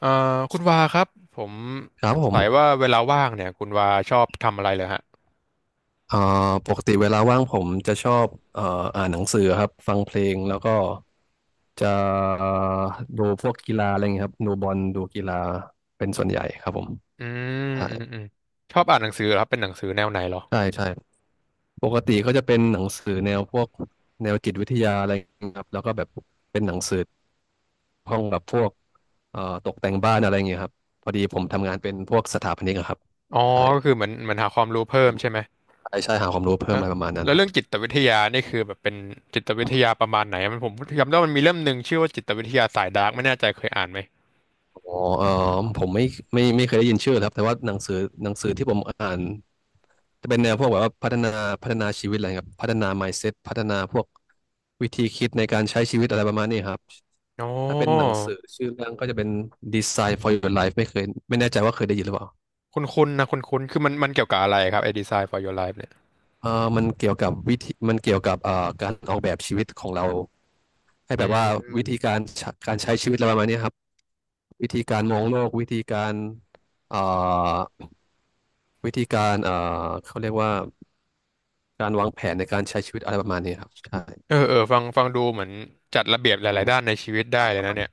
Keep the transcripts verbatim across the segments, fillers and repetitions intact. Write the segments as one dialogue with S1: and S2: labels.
S1: เอ่อคุณวาครับผม
S2: ครับ
S1: ส
S2: ผ
S1: ง
S2: ม
S1: สัยว่าเวลาว่างเนี่ยคุณวาชอบทำอะไรเลยฮะ
S2: เอ่อปกติเวลาว่างผมจะชอบเอ่ออ่านหนังสือครับฟังเพลงแล้วก็จะเอ่อดูพวกกีฬาอะไรอย่างเงี้ยครับดูบอลดูกีฬาเป็นส่วนใหญ่ครับผม
S1: อืม
S2: ใช่
S1: อืมอืมชอบอ่านหนังสือเหรอครับเป็นหนังสือแนวไหนเหรอ
S2: ใช่ใช่ปกติก็จะเป็นหนังสือแนวพวกแนวจิตวิทยาอะไรอย่างเงี้ยครับแล้วก็แบบเป็นหนังสือห้องกับพวกเอ่อตกแต่งบ้านอะไรอย่างเงี้ยครับพอดีผมทำงานเป็นพวกสถาปนิกอะครับ
S1: อ๋อ
S2: ใช่
S1: ก็คือเหมือนเหมือนหาความรู้เพิ่มใช่ไหม
S2: ใช่ใช่หาความรู้เพิ่ม
S1: แล้ว
S2: อะไรประมาณนั้น
S1: แล้ว
S2: ครั
S1: เรื่อง
S2: บ
S1: จิตวิทยานี่คือแบบเป็นจิตวิทยาประมาณไหนมันผมจำได้ว่ามันมีเล่มหนึ่งชื่อว่าจิตวิทยาสายดาร์กไม่แน่ใจเคยอ่านไหม
S2: อ๋อเออผมไม่ไม่ไม่เคยได้ยินชื่อครับแต่ว่าหนังสือหนังสือที่ผมอ่านจะเป็นแนวพวกแบบว่าพัฒนาพัฒนาชีวิตอะไรครับพัฒนา mindset พัฒนาพวกวิธีคิดในการใช้ชีวิตอะไรประมาณนี้ครับ
S1: อ๋อ
S2: ถ้าเป็นหนังสือชื่อเรื่องก็จะเป็น Design for Your Life ไม่เคยไม่แน่ใจว่าเคยได้ยินหรือเปล่า
S1: คุณคุณนะคุณคุณคือมันมันเกี่ยวกับอะไรครับไอ้ Design for Your Life เนี่ย
S2: เออมันเกี่ยวกับวิธีมันเกี่ยวกับเอ่อการออกแบบชีวิตของเราให้
S1: อื
S2: แบบว่า
S1: ม
S2: วิธีการใช้การใช้ชีวิตอะไรประมาณนี้ครับวิธีการมองโลกวิธีการเอ่อวิธีการเอ่อเขาเรียกว่า การวางแผนในการใช้ชีวิตอะไรประมาณนี้ครับใช่
S1: เออเออฟังฟังดูเหมือนจัดระเบียบห
S2: อื
S1: ลาย
S2: ม
S1: ๆด้านในชีวิตได้
S2: ใช่
S1: เล
S2: ป
S1: ย
S2: ระ
S1: นะ
S2: มาณ
S1: เนี่
S2: นั้
S1: ย
S2: น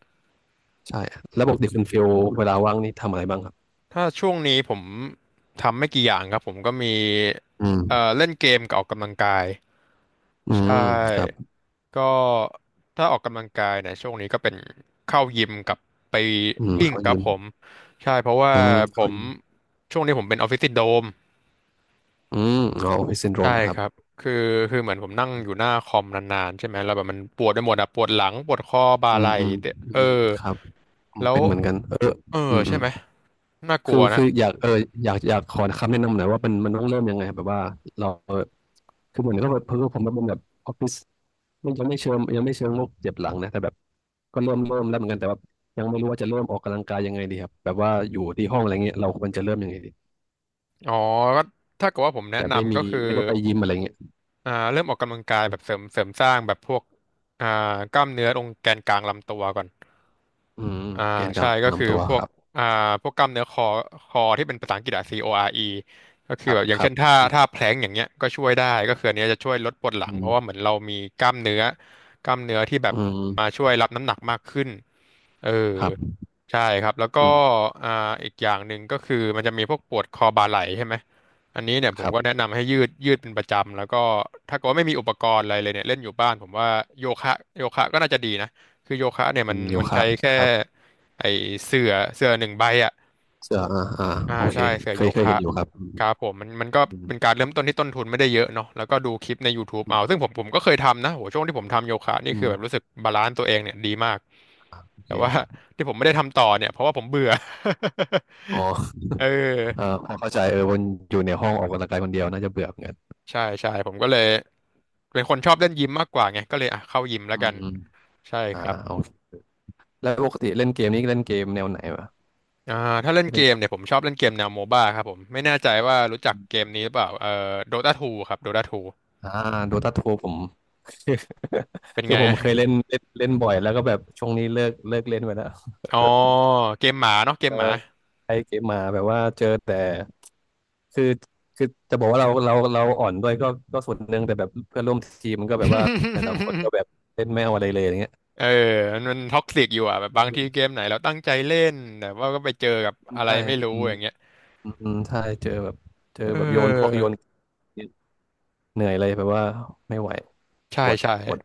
S2: ใช่แล้วปกติคุณฟิลเวลาว่างนี่ทำอะไรบ้างครับ
S1: ถ้าช่วงนี้ผมทำไม่กี่อย่างครับผมก็มี
S2: อืม
S1: เอ่อเล่นเกมกับออกกำลังกาย
S2: อื
S1: ใช่
S2: มครับ
S1: ก็ถ้าออกกำลังกายเนี่ยช่วงนี้ก็เป็นเข้ายิมกับไป
S2: อืม
S1: วิ่ง
S2: เขา
S1: ครั
S2: ยิ
S1: บ
S2: ม
S1: ผมใช่เพราะว่า
S2: อืม
S1: ผ
S2: เขา
S1: ม
S2: ยิม
S1: ช่วงนี้ผมเป็นออฟฟิศซินโดรม
S2: อืมอ๋อออฟฟิศซินโดร
S1: ใช่
S2: มครั
S1: ค
S2: บ
S1: รับคือคือเหมือนผมนั่งอยู่หน้าคอมนานๆใช่ไหมแล้วแบบมันปวดไปหมดอะปวดหลังปวดข้อบ่า
S2: อื
S1: ไห
S2: ม
S1: ล่
S2: อืม
S1: เตะ
S2: อื
S1: เออ
S2: มครับอืม
S1: แล้ว
S2: เป็นเหมือนกันเออ
S1: เอ
S2: อื
S1: อ
S2: มอื
S1: ใช่
S2: ม
S1: ไหมน่าก
S2: คื
S1: ลั
S2: อ
S1: วนะ
S2: คืออยากเอออยากอยากขอคำแนะนำหน่อยว่ามันมันต้องเริ่มยังไงแบบว่าเราคือเหมือนก็แบบเพิ่งผมมันเป็นแบบออฟฟิศไม่ยังไม่เชิงยังไม่เชิงโรคเจ็บหลังนะแต่แบบก็เริ่มเริ่มแล้วเหมือนกันแต่ว่ายังไม่รู้ว่าจะเริ่มออกกำลังกายยังไงดีครับแบบว่าอยู่ที่ห้องอะไรเงี้ยเราควรจะเริ่มยังไงดี
S1: อ๋อก็ถ้าเกิดว่าผมแนะ
S2: แต่ไม่
S1: นำ
S2: มี
S1: ก็คือ
S2: ไม่ได้ไปยิมอะไรเงี้ย
S1: อ่าเริ่มออกกำลังกายแบบเสริมเสริมสร้างแบบพวกอ่ากล้ามเนื้อตรงแกนกลางลำตัวก่อน
S2: อืม
S1: อ่า
S2: แกนก
S1: ใช่
S2: ลาง
S1: ก็คือ
S2: ลำตัว
S1: พว
S2: ค
S1: ก
S2: รับ
S1: อ่าพวกกล้ามเนื้อคอคอที่เป็นภาษาอังกฤษอะ ซี โอ อาร์ อี ก็
S2: ค
S1: คือ
S2: รับ
S1: แบบอย่า
S2: ค
S1: ง
S2: รั
S1: เช่
S2: บ
S1: นท่าท่าแพลงก์อย่างเงี้ยก็ช่วยได้ก็คืออันเนี้ยจะช่วยลดปวดหลั
S2: อื
S1: งเพ
S2: ม
S1: ราะว่าเหมือนเรามีกล้ามเนื้อกล้ามเนื้อที่แบ
S2: อื
S1: บ
S2: มอื
S1: มา
S2: ม
S1: ช่วยรับน้ำหนักมากขึ้นเออ
S2: ครับ
S1: ใช่ครับแล้วก็
S2: อืม
S1: อ่าอีกอย่างหนึ่งก็คือมันจะมีพวกปวดคอบ่าไหล่ใช่ไหมอันนี้เนี่ยผ
S2: ค
S1: ม
S2: รั
S1: ก็แนะ
S2: บ
S1: นำให้ยืดยืดเป็นประจำแล้วก็ถ้าเกิดว่าไม่มีอุปกรณ์อะไรเลยเนี่ยเล่นอยู่บ้านผมว่าโยคะโยคะก็น่าจะดีนะ คือโยคะเนี่ย
S2: อื
S1: มัน
S2: มโย
S1: มัน
S2: คะ
S1: ใช้แค่
S2: ครับ
S1: ไอเสื่อเสื่อหนึ่งใบอ่ะ
S2: เสื้ออ่าอ่า
S1: อ่า
S2: โอเค
S1: ใช่เสื่อ
S2: เค
S1: โย
S2: ยเคย
S1: คะ
S2: เห็นอยู่ครับอืม
S1: ครับผมมันมันก็
S2: อืม
S1: เป็นการเริ่มต้นที่ต้นทุนไม่ได้เยอะเนาะแล้วก็ดูคลิปใน YouTube
S2: อื
S1: เอา
S2: ม
S1: ซึ่งผมผมก็เคยทำนะโหช่วงที่ผมทำโยคะนี่
S2: อื
S1: คือ
S2: ม
S1: แบบรู้สึกบาลานซ์ตัวเองเนี่ยดีมาก
S2: อเค
S1: แต่ว่า ที่ผมไม่ได้ทำต่อเนี่ยเพราะว่าผมเบื่อ
S2: อ๋อ
S1: เออ
S2: เออพอเข้าใจเออวันอยู่ในห้องออกกำลังกายคนเดียวน่าจะเบื่อเหมือนกัน
S1: ใช่ใช่ผมก็เลยเป็นคนชอบเล่นยิมมากกว่าไงก็เลยอ่ะเข้ายิมแล้ว
S2: อื
S1: กั
S2: ม
S1: น
S2: อืม
S1: ใช่
S2: อ่า
S1: ครับ
S2: โอเคแล้วปกติเล่นเกมนี้เล่นเกมแนวไหนวะ
S1: อ่าถ้าเล่น
S2: ที่
S1: เก
S2: เล่น
S1: มเนี่ยผมชอบเล่นเกมแนวโมบ้าครับผมไม่แน่ใจว่ารู้จักเกมนี้หรือเปล่าเอ่อโดตาทูครับโดตาทู
S2: อ่าโดตาทูผม
S1: เป็น
S2: คือ
S1: ไง
S2: ผม
S1: อะ
S2: เคยเล่นเล่นเล่นบ่อยแล้วก็แบบช่วงนี้เลิกเลิกเล่นไปแล้ว
S1: อ๋อเกมหมาเนาะเก
S2: เอ
S1: ม
S2: อ
S1: หมา
S2: ไอเกมมาแบบว่าเจอแต่คือคือจะบอกว่าเราเราเราอ่อนด้วยก็ก็ส่วนหนึ่งแต่แบบเพื่อนร่วมทีมมันก็แบบว่าแต่ละคนก็ แบบเล่นไม่เอาอะไรเลยอย่างเงี้ย
S1: เออมันมันท็อกซิกอยู่อ่ะแบบบางทีเกมไหนเราตั้งใจเล่นแต่ว่าก็ไปเจอกับอะ
S2: ใช
S1: ไรไม่รู้อย่าง
S2: ่
S1: เงี้ย
S2: อืมอืมใช่เจอแบบเจอ
S1: เอ
S2: แบบโยนพวก
S1: อ
S2: โยน เหนื่อยเลยแบบว่าไม่ไหว
S1: ใช่
S2: ปวด
S1: ใช่
S2: ปวด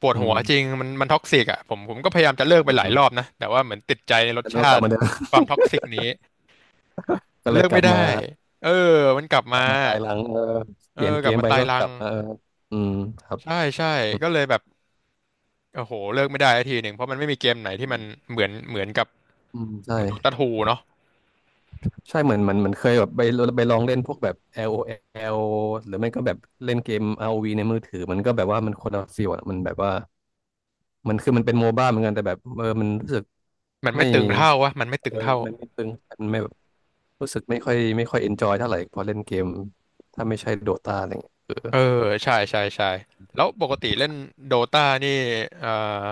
S1: ปวด
S2: อื
S1: หัวจริง
S2: ม
S1: มันมันท็อกซิกอ่ะผมผมก็พยายามจะเลิกไป
S2: อืม
S1: หลา
S2: อื
S1: ย
S2: ม
S1: รอบนะแต่ว่าเหมือนติดใจในรส
S2: แล้วก็
S1: ชา
S2: กลับ
S1: ติ
S2: มาเดิม
S1: ความท็อกซิกนี้
S2: ก็เล
S1: เลิ
S2: ย
S1: ก
S2: ก
S1: ไม่
S2: ลับ
S1: ได้
S2: มา
S1: เออมันกลับ
S2: ก
S1: มา
S2: ลับมาตายหลังเออ
S1: เอ
S2: เป
S1: อ
S2: ลี่ยน
S1: ก
S2: เก
S1: ลับ
S2: ม
S1: มา
S2: ไป
S1: ตาย
S2: ก็
S1: รั
S2: ก
S1: ง
S2: ลับมาเอออืมครับ
S1: ใช่ใช่
S2: อืม
S1: ก็เลยแบบโอ้โหเลิกไม่ได้สักทีหนึ่งเพราะมันไม่มีเกมไหนที่
S2: อื
S1: มัน
S2: ม
S1: เหมือนเหมือนกับ
S2: อืมใช่
S1: โดตาทูเนาะ
S2: ใช่เหมือนเหมันเหมอนเคยแบบไปไปลองเล่นพวกแบบ LOL หรือไม่ก็แบบเล่นเกม อาร์ โอ วี ในมือถือมันก็แบบว่ามันคนละฟีลอะมันแบบว่ามันคือมันเป็นโมบ้าเหมือนกันแต่แบบเออมันรู้สึก
S1: มันไม่
S2: ไม่
S1: ตึงเท่าวะมันไม่ตึ
S2: เอ
S1: ง
S2: อ
S1: เท่า
S2: มันไม่ตึงมันไม่ รู้สึกไม่ค่อยไม่ค่อยเอนจอยเท่าไหร่พอเล่นเกมถ้าไม่ใช่โดตาอะไรเงี้ยเออ
S1: เออใช่ใช่ใช่แล้วปกติเล่นโดตานี่เอ่อ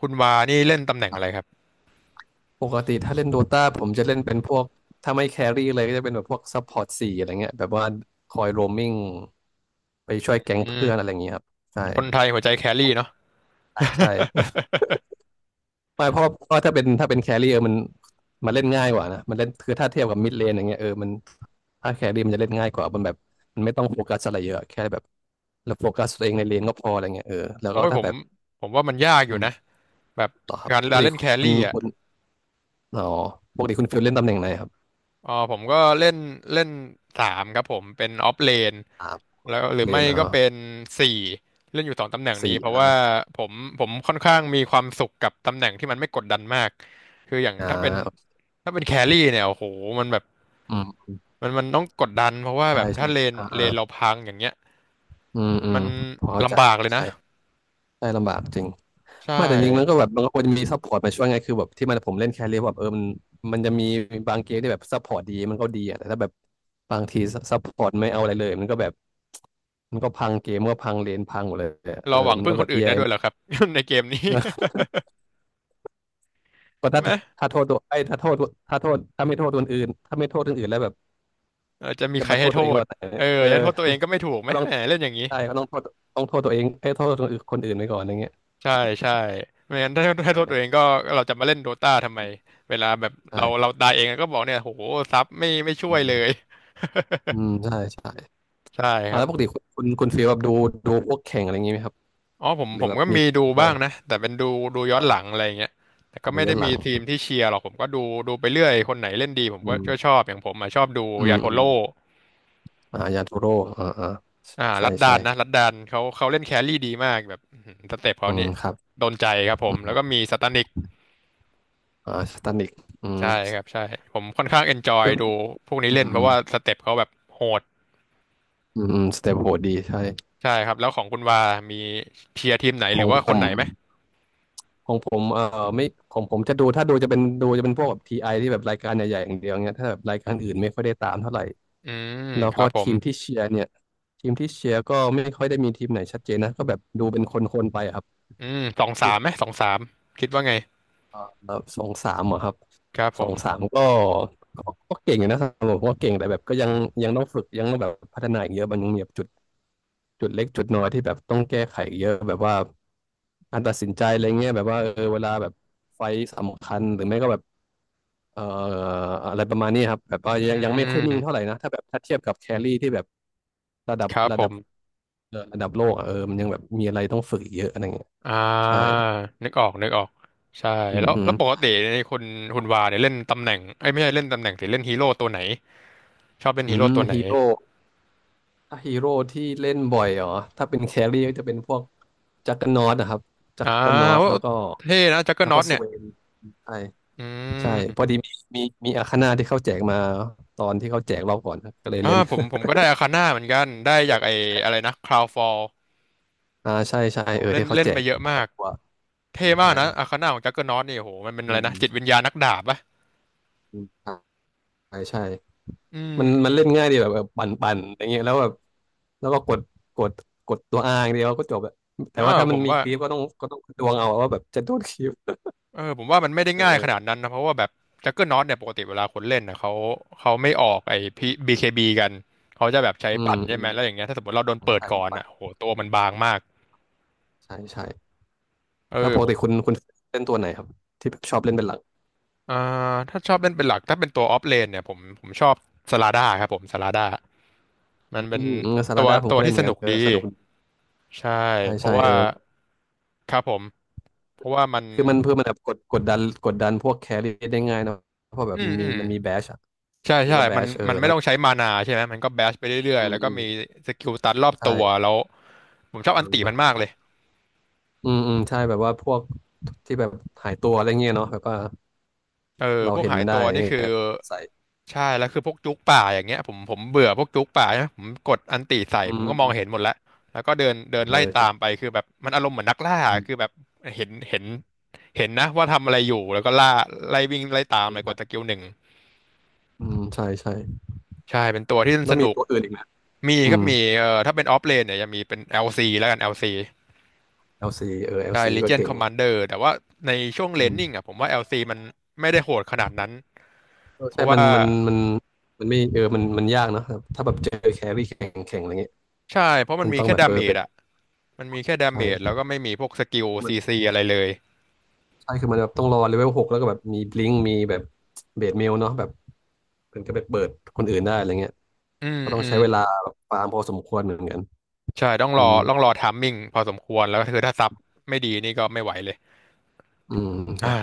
S1: คุณวานี่เล่นตำแหน่ง
S2: ครั
S1: อะไรค
S2: บ
S1: รับ
S2: ปกติถ้าเล่นโดตาผมจะเล่นเป็นพวกถ้าไม่แครี่เลยก็จะเป็นแบบพวกซัพพอร์ตสี่อะไรเงี้ยแบบว่าคอยโรมมิ่งไปช่
S1: อ
S2: วยแก๊
S1: ื
S2: งเพื่อนอะไร
S1: ม
S2: อย่างเงี้ยครับใช่
S1: คนไทยหัวใจแครี่เนาะ
S2: ใช่ใช่ไม่เพราะเพราะถ้าเป็นถ้าเป็นแครี่เออมันมันเล่นง่ายกว่านะมันเล่นคือถ้าเทียบกับมิดเลนอย่างเงี้ยเออมันถ้าแครี่มันจะเล่นง่ายกว่ามันแบบมันไม่ต้องโฟกัสอะไรเยอะแค่แบบเราโฟกัสตัวเองในเลนก็พออะไรเงี้ยเออแล้ว
S1: โอ้
S2: ก็
S1: ยผ
S2: ถ้า
S1: ม
S2: แบบ
S1: ผมว่ามันยากอ
S2: อื
S1: ยู่
S2: ม
S1: นะแบบ
S2: ต่อครับ
S1: การ
S2: ปก
S1: การ
S2: ติ
S1: เล่น
S2: ค
S1: แค
S2: ุ
S1: รี่
S2: ณ
S1: อ่ะ
S2: คุณ อ๋อปกติคุณฟิลเล่นตำแหน่งไหนครับ
S1: อ๋อผมก็เล่นเล่นสามครับผมเป็นออฟเลน
S2: อ่า
S1: แล้วหรือ
S2: เล
S1: ไม่
S2: นเอ
S1: ก็
S2: อ
S1: เป็นสี่เล่นอยู่สองตำแหน่งนี้
S2: สี่
S1: เพราะ
S2: อ่า
S1: ว่าผมผมค่อนข้างมีความสุขกับตำแหน่งที่มันไม่กดดันมากคืออย่าง
S2: อ่
S1: ถ้าเป็น
S2: า
S1: ถ้าเป็นแครี่เนี่ยโอ้โหมันแบบ
S2: อืม
S1: มันมันต้องกดดันเพราะว่า
S2: ใช่
S1: แบบถ้า
S2: ใช่
S1: เลน
S2: อ่า
S1: เล
S2: อ่า
S1: นเราพังอย่างเงี้ย
S2: อืมอืม
S1: มัน
S2: พอเข้าใจ
S1: ลำบากเลยนะ
S2: ใช่ใช่ลำบากจริง
S1: ใช่
S2: ไมาแต่จริงมันก็แบบมันก็ควรจะมีซัพพอร์ตมาช่วยไงคือแบบที่มันผมเล่นแครี่แบบเออมันมันจะมีบางเกมที่แบบซัพพอร์ตดีมันก็ดีอ่ะแต่ถ้าแบบบางทีซัพพอร์ตไม่เอาอะไรเลยมันก็แบบมันก็พังเกมมันก็พังเลนพังหมดเลยอะเอ
S1: เรา
S2: อ
S1: หวัง
S2: มัน
S1: พึ่
S2: ก็
S1: งค
S2: แบ
S1: น
S2: บ
S1: อื่นได้
S2: แย่
S1: ด้วยเหรอครับ ในเกมนี้
S2: ก็
S1: ใช่
S2: ถ้า
S1: ไหม
S2: ถ้าโทษตัวไอ้ยถ้าโทษถ้าโทษถ้าไม่โทษคนอื่นถ้าไม่โทษคนอื่นแล้วแบบ
S1: เราจะมี
S2: จะ
S1: ใคร
S2: มาโท
S1: ให้
S2: ษ
S1: โท
S2: ตัวเอง
S1: ษ
S2: ตอนไหนเ่
S1: เออ
S2: เออ
S1: จะโทษตัวเองก็ไม่ถูกไหม
S2: ก็ต้อง
S1: แหมเล่นอย่างนี้
S2: ใช่ก็ต้องโทษต้องโทษตัวเองเอ้ยโทษคนอื่นคนอื่นไปก่อนอย่างเงี้ย
S1: ใช่ใช่ไม่งั้นถ้าถ้าโทษตัวเอง
S2: ใช่
S1: ก็เราจะมาเล่นโดตาทำไมเวลาแบบเราเรา
S2: ใช่
S1: ตายเองก็บอกเนี่ยโหซับไม่ไม่ช่
S2: อื
S1: วยเลย
S2: มอืมใช่ใช่
S1: ใช่ค
S2: อ่า
S1: รับ
S2: แล้วปกติคุณคุณคุณฟีลแบบดูดูพวกแข่งอะไรอย่างงี้ไหมครับ
S1: อ๋อผม
S2: หรือ
S1: ผม
S2: แบบ
S1: ก็
S2: มี
S1: มี
S2: สตรี
S1: ดู
S2: มเมอร์
S1: บ้า
S2: อะ
S1: ง
S2: ไร
S1: นะแต่เป็นดูดูย้อนหลัง
S2: อ่า
S1: อะไรเงี้ยแต่
S2: อ่า
S1: ก็
S2: ดู
S1: ไม่
S2: ย้อ
S1: ได้
S2: นหลั
S1: มี
S2: ง
S1: ทีมที่เชียร์หรอกผมก็ดูดูไปเรื่อยคนไหนเล่นดีผม
S2: อื
S1: ก็
S2: ม
S1: ก็ชอบอย่างผมอะชอบดู
S2: อื
S1: ยา
S2: ม
S1: โท
S2: อืม
S1: โร่
S2: อ่ายาทูโร่อ่าอ่า
S1: อ่า
S2: ใช่
S1: รัดดา
S2: ใช่
S1: นนะรัดดานเขาเขาเล่นแครี่ดีมากแบบอื้อหือสเต็ปเขา
S2: อื
S1: นี่
S2: มครับ
S1: โดนใจครับผ
S2: อื
S1: มแล้วก็
S2: ม
S1: มีสตานิก
S2: อ่าสตันิกอืม
S1: ใช่ครับใช่ผมค่อนข้างเอนจอย
S2: ก็
S1: ดูพวกนี้
S2: อื
S1: เล่นเพ
S2: ม
S1: ราะว่าสเต็ปเขาแบบโหด
S2: อืมอืมสเตปโหดดีใช่
S1: ใช่ครับแล้วของคุณวามีเชียร์ทีมไหน
S2: ข
S1: ห
S2: อ
S1: รื
S2: ง
S1: อว่า
S2: ผ
S1: คน
S2: ม
S1: ไหนไหม
S2: ของผมเอ่อไม่ของผมจะดูถ้าดูจะเป็นดูจะเป็นพวกแบบทีไอที่แบบรายการใหญ่ๆอย่างเดียวเงี้ยถ้าแบบรายการอื่นไม่ค่อยได้ตามเท่าไหร่
S1: อืม
S2: แล้ว
S1: ค
S2: ก็
S1: รับผ
S2: ที
S1: ม
S2: มที่เชียร์เนี่ยทีมที่เชียร์ก็ไม่ค่อยได้มีทีมไหนชัดเจนนะก็แบบดูเป็นคนๆไปอะครับ
S1: อืมสองสา
S2: คือ
S1: มไหมสองสามคิดว่าไง
S2: เอ่อสองสามอะครับ
S1: ครับผ
S2: สอง
S1: ม
S2: สามก็ก็ก็เก่งอยู่นะครับผมก็เก่งแต่แบบก็ยังยังต้องฝึกยังต้องแบบพัฒนาอีกเยอะมันยังมีแบบจุดจุดเล็กจุดน้อยที่แบบต้องแก้ไขอีกเยอะแบบว่าการตัดสินใจอะไรเงี้ยแบบว่าเออเวลาแบบไฟต์สำคัญหรือไม่ก็แบบ เอ่ออะไรประมาณนี้ครับแบบว่ายั
S1: อื
S2: งยังไม่ค่อยนิ่งเท่าไห
S1: ม
S2: ร่นะถ้าแบบถ้าเทียบกับแครี่ที่แบบระดับ
S1: ครับ
S2: ระ
S1: ผ
S2: ดับ
S1: ม
S2: เอ่อระดับโลกอะเออมันยังแบบมีอะไรต้องฝึกอีกเยอะอะไรเงี้ย
S1: อ่า
S2: ใช่
S1: นึกออกนึกออกใช่
S2: อืม
S1: แล้ว
S2: อื
S1: แล้
S2: ม
S1: วปกติในคุณคุณวาเนี่ยเล่นตำแหน่งไอ้ยไม่ใช่เล่นตำแหน่งสิเล่นฮีโร่ตัวไหนชอบเล่น
S2: อื
S1: ฮีโร่
S2: ม
S1: ตัวไหน
S2: ฮีโร่ถ้าฮีโร่ที่เล่นบ่อยเหรอถ้าเป็นแครี่ก็จะเป็นพวกจักรนอตนะครับจั
S1: อ่า
S2: กรนอต
S1: โอ้
S2: แล้วก็
S1: เท่นะจักเกอ
S2: แล้
S1: ร์
S2: ว
S1: น็อ
S2: ก็
S1: ต
S2: ส
S1: เนี่ย
S2: เวนใช่
S1: อื
S2: ใช่พอ
S1: ม
S2: ดีมีมีมีอาคาน่าที่เขาแจกมาตอนที่เขาแจกรอบก่อนครับก็เลย
S1: อ่า
S2: เล่น
S1: ผมผมก็ได้อาคาน่าเหมือนกันได้จากไอ้อะไร นะคราวฟอล
S2: อ่าใช่ใช่เออ
S1: เล่น
S2: ที่เขา
S1: เล่น
S2: แจ
S1: ไป
S2: ก
S1: เยอะ
S2: คน
S1: มา
S2: ละ
S1: ก
S2: ตัว
S1: เท่มาก
S2: ใช่
S1: นะอาคาน่าของจักเกอร์นอตนี่โโหมันเป็น
S2: อื
S1: อะไร
S2: ม
S1: นะจิตวิญ
S2: ใช่
S1: ญาณนักดาบปะ
S2: อืมใช่ใช่
S1: อืม
S2: มัน
S1: อื
S2: มั
S1: ม
S2: นเล่นง่ายดีแบบแบบปั่นปั่นอย่างเงี้ยแล้วแบบแล้วก็กดกดกดตัวอาอย่างเดียวก็จบอะแต่
S1: อ่า
S2: ว่าถ้า
S1: ผ
S2: มัน
S1: ม
S2: มี
S1: ว่า
S2: คลิปก็ต้องก็ต้องดวงเอาว่าแบบจะโดนคลิป
S1: เออผมว่ามัน
S2: เอ
S1: ไม่
S2: อ
S1: ได้
S2: เอ
S1: ง่ายขนาด
S2: อ
S1: นั้นนะเพราะว่าแบบจักเกอร์นอตเนี่ยปกติเวลาคนเล่นนะเขาเขาไม่ออกไอ้พีบีเคบีกันเขาจะแบบใช้
S2: อืม
S1: ปั่น
S2: อื
S1: ใช่ไห
S2: ม
S1: มแล้วอย่างเงี้ยถ้าสมมติเราโดน
S2: ใช่
S1: เปิด
S2: ใช่
S1: ก่
S2: ก็
S1: อน
S2: ปั่
S1: อ่ะ
S2: น
S1: โโหตัวมันบางมาก
S2: ใช่ใช่
S1: เออ
S2: แล้วปก
S1: ผม
S2: ติคุณคุณเล่นตัวไหนครับที่ชอบเล่นเป็นหลัก
S1: อ่าถ้าชอบเล่นเป็นหลักถ้าเป็นตัวออฟเลนเนี่ยผมผมชอบสลาด้าครับผมสลาด้ามันเป็
S2: อื
S1: น
S2: มอืมซา
S1: ตั
S2: ลา
S1: ว
S2: ดาผม
S1: ตัว
S2: ก็เล่
S1: ที่
S2: นเห
S1: ส
S2: มือนกั
S1: นุ
S2: น
S1: ก
S2: เออ
S1: ดี
S2: สนุกดี
S1: ใช่
S2: ใช่
S1: เพ
S2: ใช่
S1: ราะ
S2: เอ
S1: ว่า
S2: อ
S1: ครับผมเพราะว่ามัน
S2: คือมันเพื่อมันแบบกดกดดันกดดันพวกแครี่ได้ง่ายเนอะเพราะแบ
S1: อื
S2: บ
S1: ม
S2: มันมี
S1: อืม
S2: มันมีแบชอะ
S1: ใช่
S2: อีก
S1: ใช่
S2: แล้วแบ
S1: มัน
S2: ชเออ
S1: มันไม่
S2: แล้ว
S1: ต้องใช้มานาใช่ไหม มันก็แบชไปเรื่อ
S2: อื
S1: ยๆ
S2: ม
S1: แล้วก็
S2: อืม
S1: มีสกิลตันรอบตัว
S2: ใช่
S1: แล้วผมชอบ
S2: เอ
S1: อันติมันมา
S2: อ
S1: กเลย
S2: อืมอืมใช่แบบว่าพวกที่แบบหายตัวอะไรเงี้ยเนาะแบบว่า
S1: เออ
S2: เรา
S1: พวก
S2: เห็น
S1: หาย
S2: มันได้
S1: ตัว
S2: อะไร
S1: นี่
S2: เงี้ย
S1: คือ
S2: กดใส่
S1: ใช่ แล้วคือพวกจุกป่าอย่างเงี้ยผมผมเบื่อพวกจุกป่าใช่ไหมผมกดอันติใส่
S2: อื
S1: ผมก็มองเห็น
S2: ม
S1: หมดแล้วแล้วก็เดินเดิน
S2: เออ
S1: ไล่ตา
S2: ใช่
S1: มไปคือแบบมันอารมณ์เหมือนนักล่า
S2: อืม
S1: คือแบบเห็นเห็นเห็นนะว่าทำอะไรอยู่ แล้วก็ล่าไล่วิ่งไล่ตามเลยกดสกิลหนึ่ง
S2: อืมใช่ใช่
S1: ใช่ เป็นตัวที่
S2: แล้
S1: ส
S2: วมี
S1: นุก
S2: ตัวอื่นอีกไหม
S1: มี
S2: อื
S1: ครับ
S2: ม
S1: มีเอ่อถ้าเป็นออฟเลนเนี่ยจะมีเป็นแอลซีแล้วกันแอลซี
S2: แอล ซี เออ
S1: ใช่
S2: แอล ซี ก็
S1: Legion
S2: เก่ง
S1: Commander แต่ว่าในช่วงเล
S2: อื
S1: นนิ่ง
S2: ม
S1: อ่ะผมว่า แอล ซี มันไม่ได้โหดขนาดนั้น
S2: เออ
S1: เพ
S2: ใช่
S1: ราะ
S2: มัน
S1: ว่า
S2: มันมันมันไม่เออมันมันยากเนอะครับถ้าแบบเจอแครี่แข็งแข็งอะไรเงี้ย
S1: ใช่เพราะมัน
S2: มัน
S1: มี
S2: ต้อง
S1: แค่
S2: แบบ
S1: ดา
S2: เออ
S1: เม
S2: เป็
S1: จ
S2: น
S1: อ่ะมันมีแค่ดาเมจ
S2: ใช่
S1: แล้วก็ไม่มีพวกสกิล
S2: มัน
S1: ซี ซี อะไรเลย
S2: ใช่คือมันแบบต้องรอเลเวลหกแล้วก็แบบมีบลิงกมีแบบเบสเมลเนาะแบบ เป็นก็ไปเปิดคนอื่นได้อะไรเงี้ย
S1: อืม
S2: ก็ต้อง
S1: อื
S2: ใช้
S1: ม
S2: เวลาแบบฟาร์มพอสมควรเหมือนกัน
S1: ใช่ต้อง
S2: อื
S1: รอ
S2: ม
S1: ต้องรอไทามมิ่งพอสมควรแล้วก็คือถ้าซับไม่ดีนี่ก็ไม่ไหวเลย
S2: อืมครั
S1: อ่า
S2: บ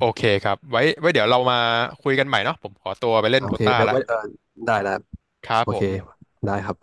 S1: โอเคครับไว้ไว้เดี๋ยวเรามาคุยกันใหม่เนาะผมขอตัวไปเล่น
S2: โอ
S1: โด
S2: เค
S1: ตา
S2: เดี๋ยว
S1: ละ
S2: ไว้เออได้แล้ว
S1: ครับ
S2: โอ
S1: ผ
S2: เค
S1: ม
S2: ได้ครับ